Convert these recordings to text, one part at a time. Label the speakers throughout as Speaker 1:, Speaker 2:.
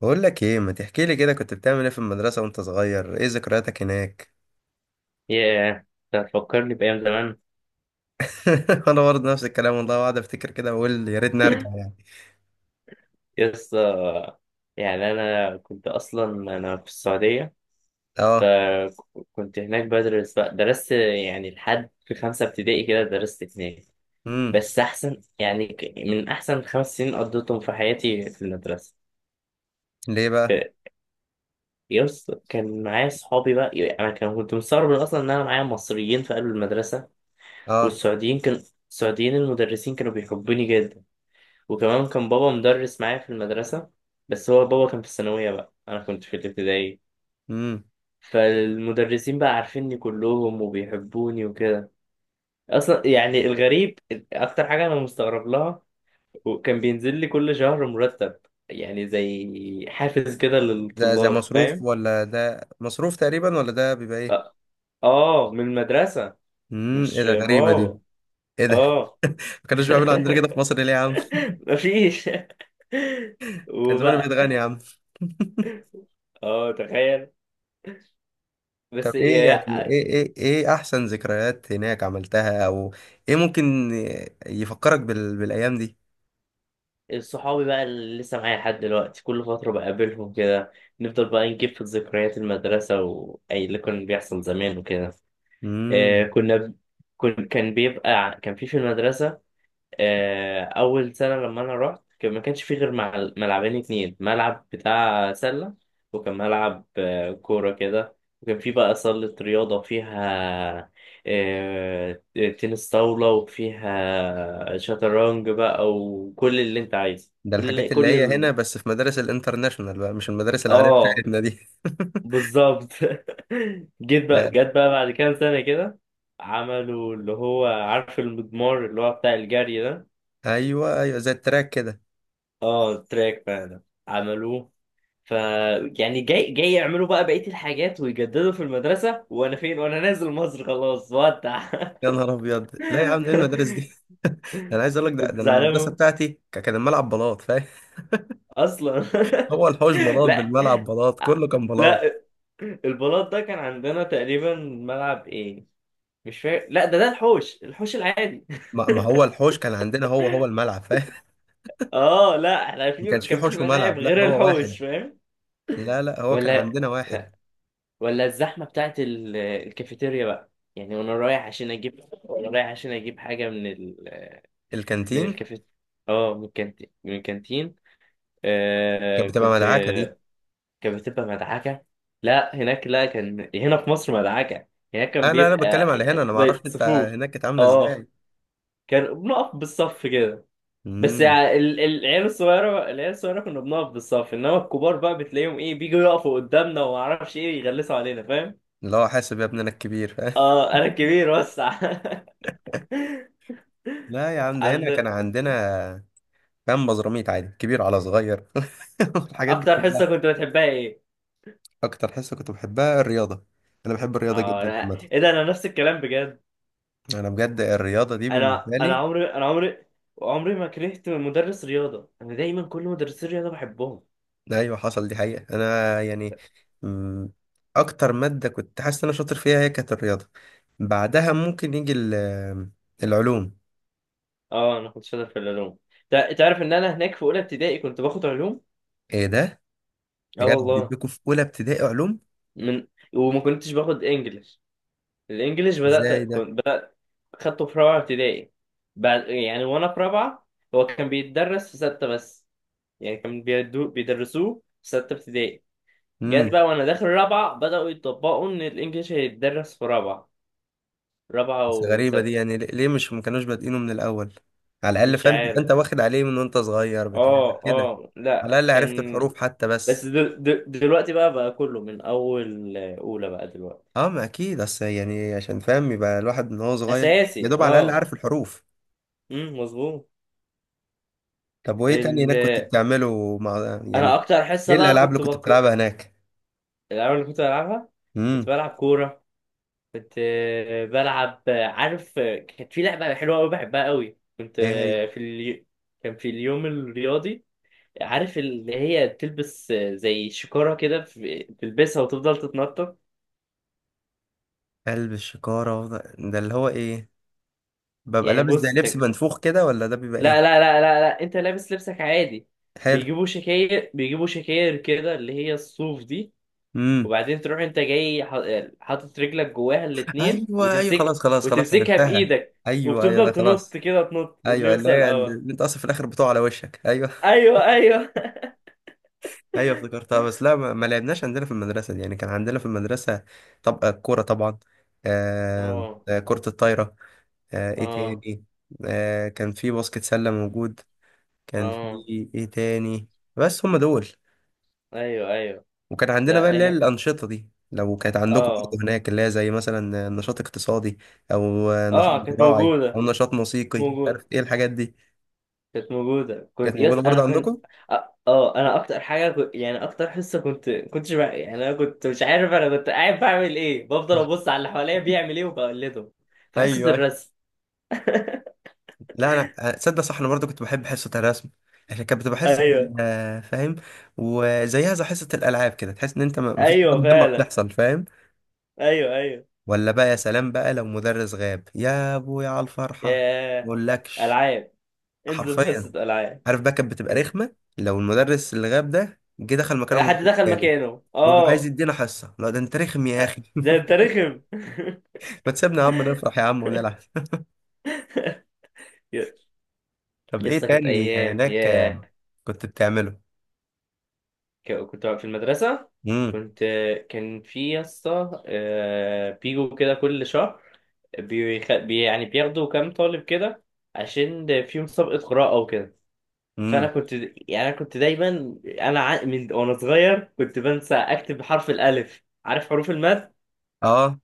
Speaker 1: بقول لك ايه، ما تحكي لي كده كنت بتعمل ايه في المدرسة وانت صغير؟ ايه ذكرياتك هناك؟
Speaker 2: ياه، ده فكرني بأيام زمان.
Speaker 1: انا برضه نفس الكلام والله، قاعد افتكر كده واقول يا ريتني ارجع يعني.
Speaker 2: يس آه، يعني أنا كنت أصلا أنا في السعودية.
Speaker 1: اه.
Speaker 2: فكنت هناك بدرس بقى درست يعني لحد في خمسة ابتدائي كده درست هناك.
Speaker 1: امم.
Speaker 2: بس أحسن يعني، من أحسن 5 سنين قضيتهم في حياتي في المدرسة.
Speaker 1: ليه بقى؟
Speaker 2: ف- كان معايا صحابي بقى، يعني أنا كنت مستغرب أصلا إن أنا معايا مصريين في قلب المدرسة.
Speaker 1: اه.
Speaker 2: والسعوديين كان السعوديين المدرسين كانوا بيحبوني. وكمان كان بابا مدرس معايا في المدرسة، بس هو بابا كان في الثانوية بقى، أنا كنت في الابتدائي.
Speaker 1: امم.
Speaker 2: فالمدرسين بقى عارفيني كلهم وبيحبوني وكده. أصلا يعني الغريب أكتر حاجة أنا مستغرب لها، وكان بينزل لي كل شهر مرتب، يعني زي حافز كده
Speaker 1: ده
Speaker 2: للطلاب،
Speaker 1: مصروف،
Speaker 2: فاهم؟
Speaker 1: ولا ده مصروف تقريبا، ولا ده بيبقى ايه؟
Speaker 2: آه. آه، من المدرسة.
Speaker 1: امم، ايه
Speaker 2: مش
Speaker 1: ده؟ غريبة
Speaker 2: بابا.
Speaker 1: دي. ايه ده؟
Speaker 2: آه.
Speaker 1: ما كانوش بيعملوا عندنا كده في مصر ليه يا عم؟
Speaker 2: مفيش.
Speaker 1: كان زمانه
Speaker 2: وبقى.
Speaker 1: بيتغني يا عم.
Speaker 2: آه، تخيل.
Speaker 1: طب،
Speaker 2: بس
Speaker 1: ايه يعني
Speaker 2: يا-
Speaker 1: ايه احسن ذكريات هناك عملتها، او ايه ممكن يفكرك بالايام دي؟
Speaker 2: صحابي بقى اللي لسه معايا لحد دلوقتي، كل فترة بقابلهم كده. نفضل بقى نجيب في ذكريات المدرسة، وأي اللي كان بيحصل زمان وكده. آه،
Speaker 1: امم.
Speaker 2: كنا، كن كان بيبقى كان في المدرسة. آه، اول سنه لما انا رحت ما كانش فيه غير ملعبين اتنين، ملعب بتاع سله، وكان ملعب كوره كده، وكان فيه بقى صاله رياضه فيها آه، تنس طاوله، وفيها شطرنج بقى، وكل اللي انت عايزه،
Speaker 1: ده
Speaker 2: كل
Speaker 1: الحاجات اللي
Speaker 2: كل
Speaker 1: هي هنا
Speaker 2: ال...
Speaker 1: بس في مدارس الانترناشونال بقى، مش المدارس العادية
Speaker 2: اه،
Speaker 1: بتاعتنا دي.
Speaker 2: بالظبط. جيت بقى
Speaker 1: لا.
Speaker 2: جت بقى بعد كام سنه كده، عملوا اللي هو عارف المضمار اللي هو بتاع الجري ده.
Speaker 1: ايوه، ايوه، زي التراك كده.
Speaker 2: اه، تراك بقى ده عملوه. ف يعني جاي يعملوا بقى بقية الحاجات ويجددوا في المدرسة، وانا فين، وانا نازل مصر خلاص، ودع.
Speaker 1: يا نهار ابيض! لا يا عم، ايه المدارس دي؟ انا عايز اقول لك، ده
Speaker 2: كنت
Speaker 1: ده انا المدرسه
Speaker 2: زعلان
Speaker 1: بتاعتي كان الملعب بلاط، فاهم؟
Speaker 2: اصلا.
Speaker 1: هو الحوش بلاط
Speaker 2: لا،
Speaker 1: بالملعب، بلاط كله كان بلاط.
Speaker 2: لا، البلاط ده كان عندنا تقريبا ملعب ايه، مش فاكر. لا، ده الحوش، الحوش العادي.
Speaker 1: ما هو الحوش كان عندنا هو الملعب، فاهم؟
Speaker 2: اه، لا، احنا
Speaker 1: ما
Speaker 2: في
Speaker 1: كانش فيه
Speaker 2: كان في
Speaker 1: حوش
Speaker 2: ملاعب
Speaker 1: وملعب، لا
Speaker 2: غير
Speaker 1: هو
Speaker 2: الحوش،
Speaker 1: واحد.
Speaker 2: فاهم؟
Speaker 1: لا، لا، هو كان
Speaker 2: ولا،
Speaker 1: عندنا واحد.
Speaker 2: الزحمة بتاعت الكافيتيريا بقى. يعني وانا رايح عشان اجيب حاجة من ال... من
Speaker 1: الكانتين.
Speaker 2: الكافيتيريا. اه، من الكانتين.
Speaker 1: كانت
Speaker 2: آه
Speaker 1: بتبقى
Speaker 2: كنت.
Speaker 1: مدعكه دي.
Speaker 2: كانت بتبقى مدعكة. لا هناك، لا كان هنا في مصر مدعكة. هناك كان
Speaker 1: انا بتكلم
Speaker 2: بيبقى
Speaker 1: على هنا، انا ما اعرفش
Speaker 2: زي
Speaker 1: انت.
Speaker 2: صفوف.
Speaker 1: هناك كانت عامله
Speaker 2: اه،
Speaker 1: ازاي؟
Speaker 2: كان بنقف بالصف كده. بس
Speaker 1: امم.
Speaker 2: يعني العيال الصغيرة كنا بنقف بالصف، انما الكبار بقى بتلاقيهم ايه، بيجوا يقفوا قدامنا، وما اعرفش ايه، يغلسوا علينا، فاهم؟
Speaker 1: اللي هو حاسب يا ابننا الكبير، فاهم؟
Speaker 2: اه، انا الكبير بس.
Speaker 1: لا يا عم، ده هنا
Speaker 2: عند.
Speaker 1: كان عندنا. كان بزراميت عادي، كبير على صغير. الحاجات دي
Speaker 2: اكتر حصه
Speaker 1: كلها.
Speaker 2: كنت بتحبها ايه؟
Speaker 1: اكتر حصه كنت بحبها الرياضه. انا بحب الرياضه
Speaker 2: اه،
Speaker 1: جدا
Speaker 2: لا.
Speaker 1: عامه.
Speaker 2: ايه ده، انا نفس الكلام بجد.
Speaker 1: انا بجد الرياضه دي
Speaker 2: انا
Speaker 1: بالنسبه
Speaker 2: انا
Speaker 1: لي.
Speaker 2: عمري انا عمري عمري ما كرهت مدرس رياضه، انا دايما كل مدرسين الرياضه بحبهم.
Speaker 1: ايوه، حصل دي حقيقه، انا يعني. مم، اكتر ماده كنت حاسس ان انا شاطر فيها هي كانت الرياضه. بعدها ممكن يجي العلوم.
Speaker 2: اه، انا كنت شاطر في العلوم. تعرف ان انا هناك في اولى ابتدائي كنت باخد علوم؟
Speaker 1: ايه ده؟ يا
Speaker 2: اه،
Speaker 1: جدع،
Speaker 2: والله.
Speaker 1: بيديكوا في اولى ابتدائي علوم؟
Speaker 2: من وما كنتش باخد انجليش. الانجليش
Speaker 1: ازاي
Speaker 2: بدات،
Speaker 1: ده؟
Speaker 2: كنت بدات خدته في رابعه ابتدائي، بعد يعني وانا في رابعه. هو كان بيتدرس في سته بس، يعني كانوا بيدرسوه في ستة ابتدائي. جت
Speaker 1: امم.
Speaker 2: بقى وانا داخل رابعة، بدأوا يطبقوا ان الانجليش هيتدرس في رابعة،
Speaker 1: بس غريبة دي،
Speaker 2: وست.
Speaker 1: يعني ليه مش ما كانوش بادئينه من الأول؟ على الأقل
Speaker 2: مش
Speaker 1: فاهم، تبقى
Speaker 2: عارف.
Speaker 1: أنت واخد عليه من وأنت صغير بتاع
Speaker 2: اه،
Speaker 1: كده.
Speaker 2: اه،
Speaker 1: على
Speaker 2: لا
Speaker 1: الأقل عرفت
Speaker 2: كان.
Speaker 1: الحروف حتى
Speaker 2: بس
Speaker 1: بس.
Speaker 2: دلوقتي بقى، كله من اول اولى بقى دلوقتي.
Speaker 1: أه، ما أكيد، بس يعني عشان فاهم، يبقى الواحد من هو صغير يا
Speaker 2: اساسي،
Speaker 1: دوب على الأقل
Speaker 2: اه.
Speaker 1: عارف الحروف.
Speaker 2: امم، مظبوط.
Speaker 1: طب، وإيه تاني هناك كنت
Speaker 2: ال...
Speaker 1: بتعمله مع
Speaker 2: انا
Speaker 1: يعني؟
Speaker 2: اكتر حصة
Speaker 1: إيه
Speaker 2: بقى
Speaker 1: الألعاب اللي
Speaker 2: كنت
Speaker 1: كنت
Speaker 2: بكر.
Speaker 1: بتلعبها هناك؟
Speaker 2: الالعاب اللي كنت بلعبها. كنت
Speaker 1: امم.
Speaker 2: بلعب كورة. كنت بلعب عارف، كانت في لعبة حلوة أوي بحبها أوي، كنت
Speaker 1: إيه هي؟
Speaker 2: في اليو... كان في اليوم الرياضي. عارف اللي هي تلبس زي شكارة كده، تلبسها وتفضل تتنطط.
Speaker 1: قلب الشكارة ده اللي هو إيه؟ ببقى
Speaker 2: يعني
Speaker 1: لابس زي
Speaker 2: بص،
Speaker 1: لبس منفوخ كده ولا ده بيبقى إيه؟
Speaker 2: لا لا لا لا لا، أنت لابس لبسك عادي.
Speaker 1: حلو.
Speaker 2: بيجيبوا شكاير كده، اللي هي الصوف دي.
Speaker 1: امم.
Speaker 2: وبعدين تروح أنت جاي حاطط رجلك جواها الاتنين
Speaker 1: أيوه، أيوه،
Speaker 2: وتمسك.
Speaker 1: خلاص، خلاص، خلاص،
Speaker 2: وتمسكها
Speaker 1: عرفتها.
Speaker 2: بإيدك.
Speaker 1: أيوه، أيوه، ده
Speaker 2: وبتفضل تنط
Speaker 1: خلاص.
Speaker 2: كده، تنط، واللي
Speaker 1: ايوه، اللي
Speaker 2: يوصل
Speaker 1: هي
Speaker 2: الأول.
Speaker 1: اللي انت اصلا في الاخر بتقع على وشك، ايوه.
Speaker 2: ايوه، ايوه.
Speaker 1: ايوه افتكرتها، بس لا ما لعبناش عندنا في المدرسه دي، يعني كان عندنا في المدرسه. طب الكوره طبعا. آه.
Speaker 2: اه،
Speaker 1: كره الطايره. ايه
Speaker 2: اه،
Speaker 1: تاني؟ كان في باسكت سله موجود. كان
Speaker 2: اه.
Speaker 1: في ايه تاني؟ بس هم دول.
Speaker 2: ايوه، ايوه.
Speaker 1: وكان عندنا بقى
Speaker 2: لا،
Speaker 1: اللي هي
Speaker 2: انا.
Speaker 1: الانشطه دي، لو كانت عندكم
Speaker 2: اه،
Speaker 1: برضه هناك، اللي هي زي مثلا نشاط اقتصادي او نشاط
Speaker 2: اه،
Speaker 1: زراعي او نشاط
Speaker 2: كانت
Speaker 1: موسيقي، عارف
Speaker 2: موجوده
Speaker 1: ايه الحاجات دي.
Speaker 2: كانت موجوده،
Speaker 1: كانت
Speaker 2: يس
Speaker 1: موجوده
Speaker 2: انا
Speaker 1: برضه
Speaker 2: كنت.
Speaker 1: عندكم؟
Speaker 2: اه، انا اكتر حاجه كنت... يعني اكتر حصه كنتش بقى... يعني انا كنت مش عارف انا كنت قاعد بعمل ايه، بفضل ابص على اللي حواليا بيعمل ايه وبقلده، في حصه
Speaker 1: ايوه،
Speaker 2: الرسم.
Speaker 1: لا انا، تصدق صح، انا برضو كنت بحب حصه الرسم. عشان كانت بتبقى حصه.
Speaker 2: ايوه،
Speaker 1: آه، فاهم؟ وزيها زي حصه الالعاب كده، تحس ان انت مفيش حاجه
Speaker 2: ايوه
Speaker 1: مهمه
Speaker 2: فعلا.
Speaker 1: بتحصل، فاهم؟
Speaker 2: ايوه، ايوه.
Speaker 1: ولا بقى يا سلام بقى لو مدرس غاب يا ابويا على الفرحه.
Speaker 2: يا،
Speaker 1: مقولكش.
Speaker 2: العاب، انزل
Speaker 1: حرفيا.
Speaker 2: حصه العاب.
Speaker 1: عارف بقى، كانت بتبقى رخمه لو المدرس اللي غاب ده جه دخل مكانه
Speaker 2: حد
Speaker 1: مدرس
Speaker 2: دخل
Speaker 1: تاني
Speaker 2: مكانه،
Speaker 1: ويبقى عايز
Speaker 2: اه.
Speaker 1: يدينا حصه، لا ده انت رخم يا اخي!
Speaker 2: ده انت رخم.
Speaker 1: ما تسيبنا يا عم نفرح يا عم ونلعب.
Speaker 2: يا،
Speaker 1: طب
Speaker 2: يا
Speaker 1: ايه
Speaker 2: اسطى، كانت
Speaker 1: تاني
Speaker 2: ايام
Speaker 1: هناك
Speaker 2: يا.
Speaker 1: كنت بتعمله؟
Speaker 2: كنت في المدرسه.
Speaker 1: امم.
Speaker 2: كنت. كان في يا اسطى بيجوا كده كل شهر. يعني بياخدوا كام طالب كده، عشان في مسابقه قراءه وكده. فانا
Speaker 1: امم.
Speaker 2: كنت يعني انا كنت دايما، انا من وانا صغير كنت بنسى اكتب حرف الالف، عارف، حروف المد.
Speaker 1: اه،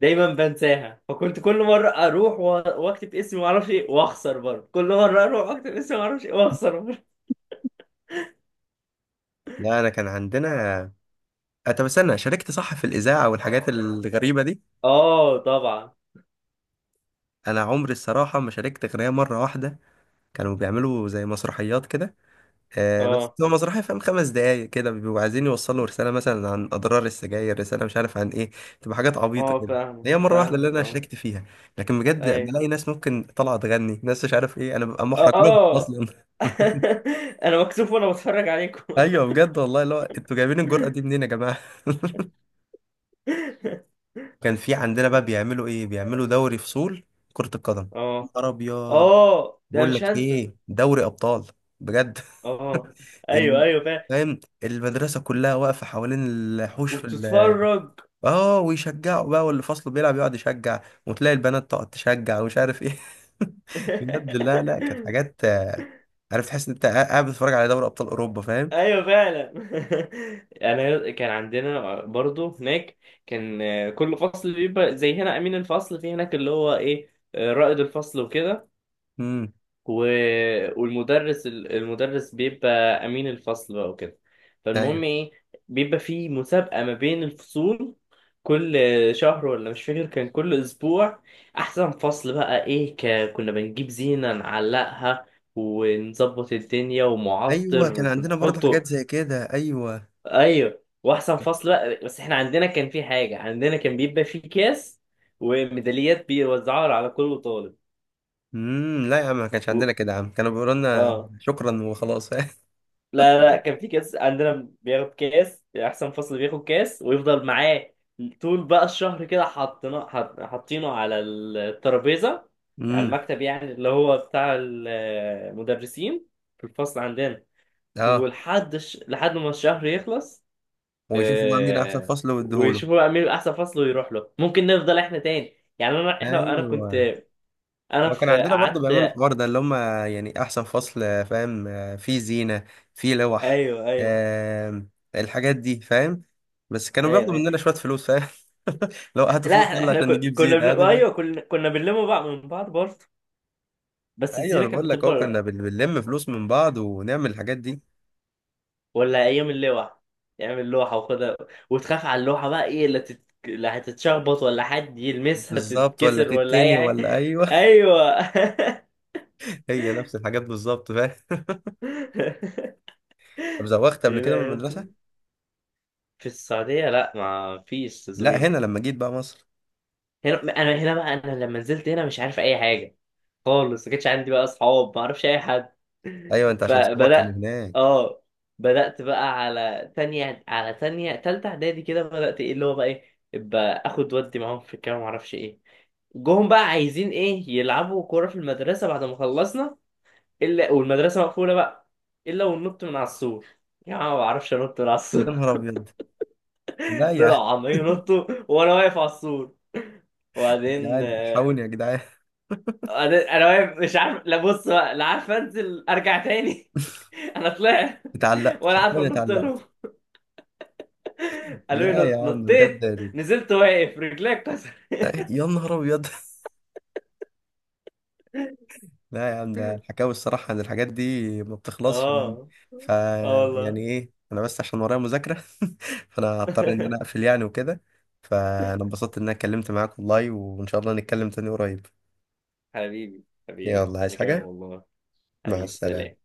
Speaker 2: دايما بنساها، فكنت كل مره اروح واكتب اسمي ما اعرفش ايه، واخسر برضه، كل مره اروح واكتب اسمي ما اعرفش ايه، واخسر برضه.
Speaker 1: لا انا كان عندنا طب استنى، شاركت صح في الاذاعه والحاجات الغريبه دي؟
Speaker 2: اه، طبعا.
Speaker 1: انا عمري الصراحه ما شاركت غير هي مره واحده. كانوا بيعملوا زي مسرحيات كده. بس
Speaker 2: اه،
Speaker 1: هو مسرحيه فاهم، 5 دقايق كده، بيبقوا عايزين يوصلوا رساله مثلا عن اضرار السجاير، رساله مش عارف عن ايه. تبقى حاجات عبيطه
Speaker 2: اه،
Speaker 1: كده.
Speaker 2: فاهمك،
Speaker 1: هي مره واحده اللي انا
Speaker 2: اه.
Speaker 1: شاركت فيها. لكن بجد
Speaker 2: ايوه،
Speaker 1: بلاقي ناس ممكن طالعه تغني، ناس مش عارف ايه، انا ببقى محرج لهم
Speaker 2: اه.
Speaker 1: اصلا.
Speaker 2: انا مكسوف وانا بتفرج عليكم.
Speaker 1: ايوه، بجد والله، لا انتوا جايبين الجرأه دي منين يا جماعه؟ كان في عندنا بقى بيعملوا ايه، بيعملوا دوري فصول كرة القدم.
Speaker 2: اه،
Speaker 1: نهار ابيض.
Speaker 2: اه، ده
Speaker 1: بقول
Speaker 2: مش
Speaker 1: لك
Speaker 2: هنسى.
Speaker 1: ايه، دوري ابطال. بجد.
Speaker 2: اه، ايوه،
Speaker 1: إن-
Speaker 2: ايوه، فاهم.
Speaker 1: فاهم، المدرسة كلها واقفة حوالين الحوش
Speaker 2: وتتفرج.
Speaker 1: اه، ويشجعوا بقى، واللي فصله بيلعب يقعد يشجع. وتلاقي البنات تقعد تشجع ومش عارف ايه. بجد، لا، لا، كانت حاجات، عارف تحس ان انت قاعد بتتفرج على دوري ابطال اوروبا، فاهم؟
Speaker 2: ايوه فعلا. انا كان عندنا برضو هناك. كان كل فصل بيبقى زي هنا امين الفصل، في هناك اللي هو ايه رائد الفصل وكده.
Speaker 1: امم.
Speaker 2: والمدرس المدرس بيبقى امين الفصل بقى وكده.
Speaker 1: ايوه،
Speaker 2: فالمهم ايه، بيبقى في مسابقة ما بين الفصول. كل شهر ولا مش فاكر، كان كل اسبوع احسن فصل بقى ايه. كنا بنجيب زينة نعلقها، ونظبط الدنيا،
Speaker 1: ايوه،
Speaker 2: ومعطر
Speaker 1: كان عندنا برضه حاجات
Speaker 2: بنحطه.
Speaker 1: زي كده، ايوه.
Speaker 2: ايوه، واحسن فصل بقى، بس احنا عندنا كان في حاجه، عندنا كان بيبقى في كاس وميداليات بيوزعوها على كل طالب.
Speaker 1: امم. لا يا عم، ما كانش عندنا
Speaker 2: و...
Speaker 1: كده يا عم، كانوا بيقولوا لنا
Speaker 2: اه،
Speaker 1: شكرا وخلاص.
Speaker 2: لا، لا، كان في كاس عندنا، بياخد كاس، احسن فصل بياخد كاس ويفضل معاه طول بقى الشهر كده، حاطينه على الترابيزه، على
Speaker 1: امم.
Speaker 2: المكتب يعني اللي هو بتاع المدرسين في الفصل عندنا،
Speaker 1: اه،
Speaker 2: لحد ما الشهر يخلص.
Speaker 1: ويشوفوا بقى مين احسن فصل ويديهوله.
Speaker 2: ويشوفوا بقى مين احسن فصل ويروح له، ممكن نفضل احنا تاني، يعني انا احنا انا كنت،
Speaker 1: ايوه.
Speaker 2: انا
Speaker 1: لو كان
Speaker 2: في
Speaker 1: عندنا برضه بيعملوا
Speaker 2: قعدت.
Speaker 1: الحوار ده اللي هم، يعني احسن فصل فاهم، فيه زينه، فيه لوح،
Speaker 2: ايوه، ايوه.
Speaker 1: آم، الحاجات دي، فاهم؟ بس كانوا
Speaker 2: ايوه،
Speaker 1: بياخدوا
Speaker 2: ايوه.
Speaker 1: مننا شويه فلوس، فاهم؟ لو هاتوا
Speaker 2: لا،
Speaker 1: فلوس،
Speaker 2: احنا
Speaker 1: يلا
Speaker 2: إحنا
Speaker 1: عشان نجيب زينه هاتوا
Speaker 2: ايوه
Speaker 1: شوية.
Speaker 2: كنا كنا بنلم بقى من بعض برضه. بس
Speaker 1: ايوه،
Speaker 2: الزينه
Speaker 1: انا
Speaker 2: كانت
Speaker 1: بقول لك اهو
Speaker 2: بتكبر.
Speaker 1: كنا بنلم فلوس من بعض ونعمل الحاجات دي.
Speaker 2: ولا ايام اللوحه، يعمل لوحه وخدها، وتخاف على اللوحه بقى، ايه اللي اللي هتتشخبط، ولا حد يلمسها
Speaker 1: بالظبط، ولا
Speaker 2: تتكسر، ولا اي
Speaker 1: تتني
Speaker 2: حاجه.
Speaker 1: ولا ايوه.
Speaker 2: ايوه.
Speaker 1: هي نفس الحاجات بالظبط، فاهم؟ طب زوغت قبل
Speaker 2: ايه ده
Speaker 1: كده من
Speaker 2: يا
Speaker 1: المدرسة؟
Speaker 2: اسطى؟ في السعوديه، لا، ما فيش
Speaker 1: لا،
Speaker 2: تزويق.
Speaker 1: هنا لما جيت بقى مصر.
Speaker 2: هنا بقى انا لما نزلت هنا مش عارف اي حاجه خالص، ما كانش عندي بقى اصحاب، ما اعرفش اي حد.
Speaker 1: ايوه، انت عشان صحابك كانوا
Speaker 2: فبدات.
Speaker 1: هناك.
Speaker 2: اه، بدات بقى على تانية، تالتة اعدادي كده، بدات ايه اللي هو بقى ايه، ابقى اخد ودي معاهم في الكلام ما اعرفش ايه. جوهم بقى عايزين ايه، يلعبوا كوره في المدرسه بعد ما خلصنا. الا والمدرسه مقفوله بقى. الا وننط من على السور. يا عم، ما بعرفش انط من على
Speaker 1: يا
Speaker 2: السور.
Speaker 1: نهار ابيض! لا يا عم.
Speaker 2: طلعوا عمالين ينطوا، وانا واقف على السور.
Speaker 1: يا
Speaker 2: وبعدين
Speaker 1: جدعان، الحقوني يا جدعان!
Speaker 2: انا واقف مش عارف، لا بص بقى لا عارف انزل ارجع تاني. انا طلعت.
Speaker 1: اتعلقت،
Speaker 2: ولا عارف
Speaker 1: حرفيا
Speaker 2: انط لهم.
Speaker 1: اتعلقت.
Speaker 2: قالوا لي
Speaker 1: لا
Speaker 2: نط،
Speaker 1: يا عم، بجد
Speaker 2: نطيت، نزلت واقف، رجليك كسر.
Speaker 1: لا، يا نهار ابيض. لا يا عم، ده الحكاوي الصراحة ان الحاجات دي ما بتخلصش يعني.
Speaker 2: اه،
Speaker 1: ف
Speaker 2: اه
Speaker 1: يعني
Speaker 2: والله.
Speaker 1: ايه، انا بس عشان ورايا مذاكرة. فانا هضطر ان انا اقفل يعني وكده. فانا انبسطت ان انا اتكلمت معاك والله، وان شاء الله نتكلم تاني قريب.
Speaker 2: حبيبي، حبيبي
Speaker 1: يلا عايز
Speaker 2: انا كمان
Speaker 1: حاجة؟
Speaker 2: والله.
Speaker 1: مع
Speaker 2: حبيبي، سلام.
Speaker 1: السلامة.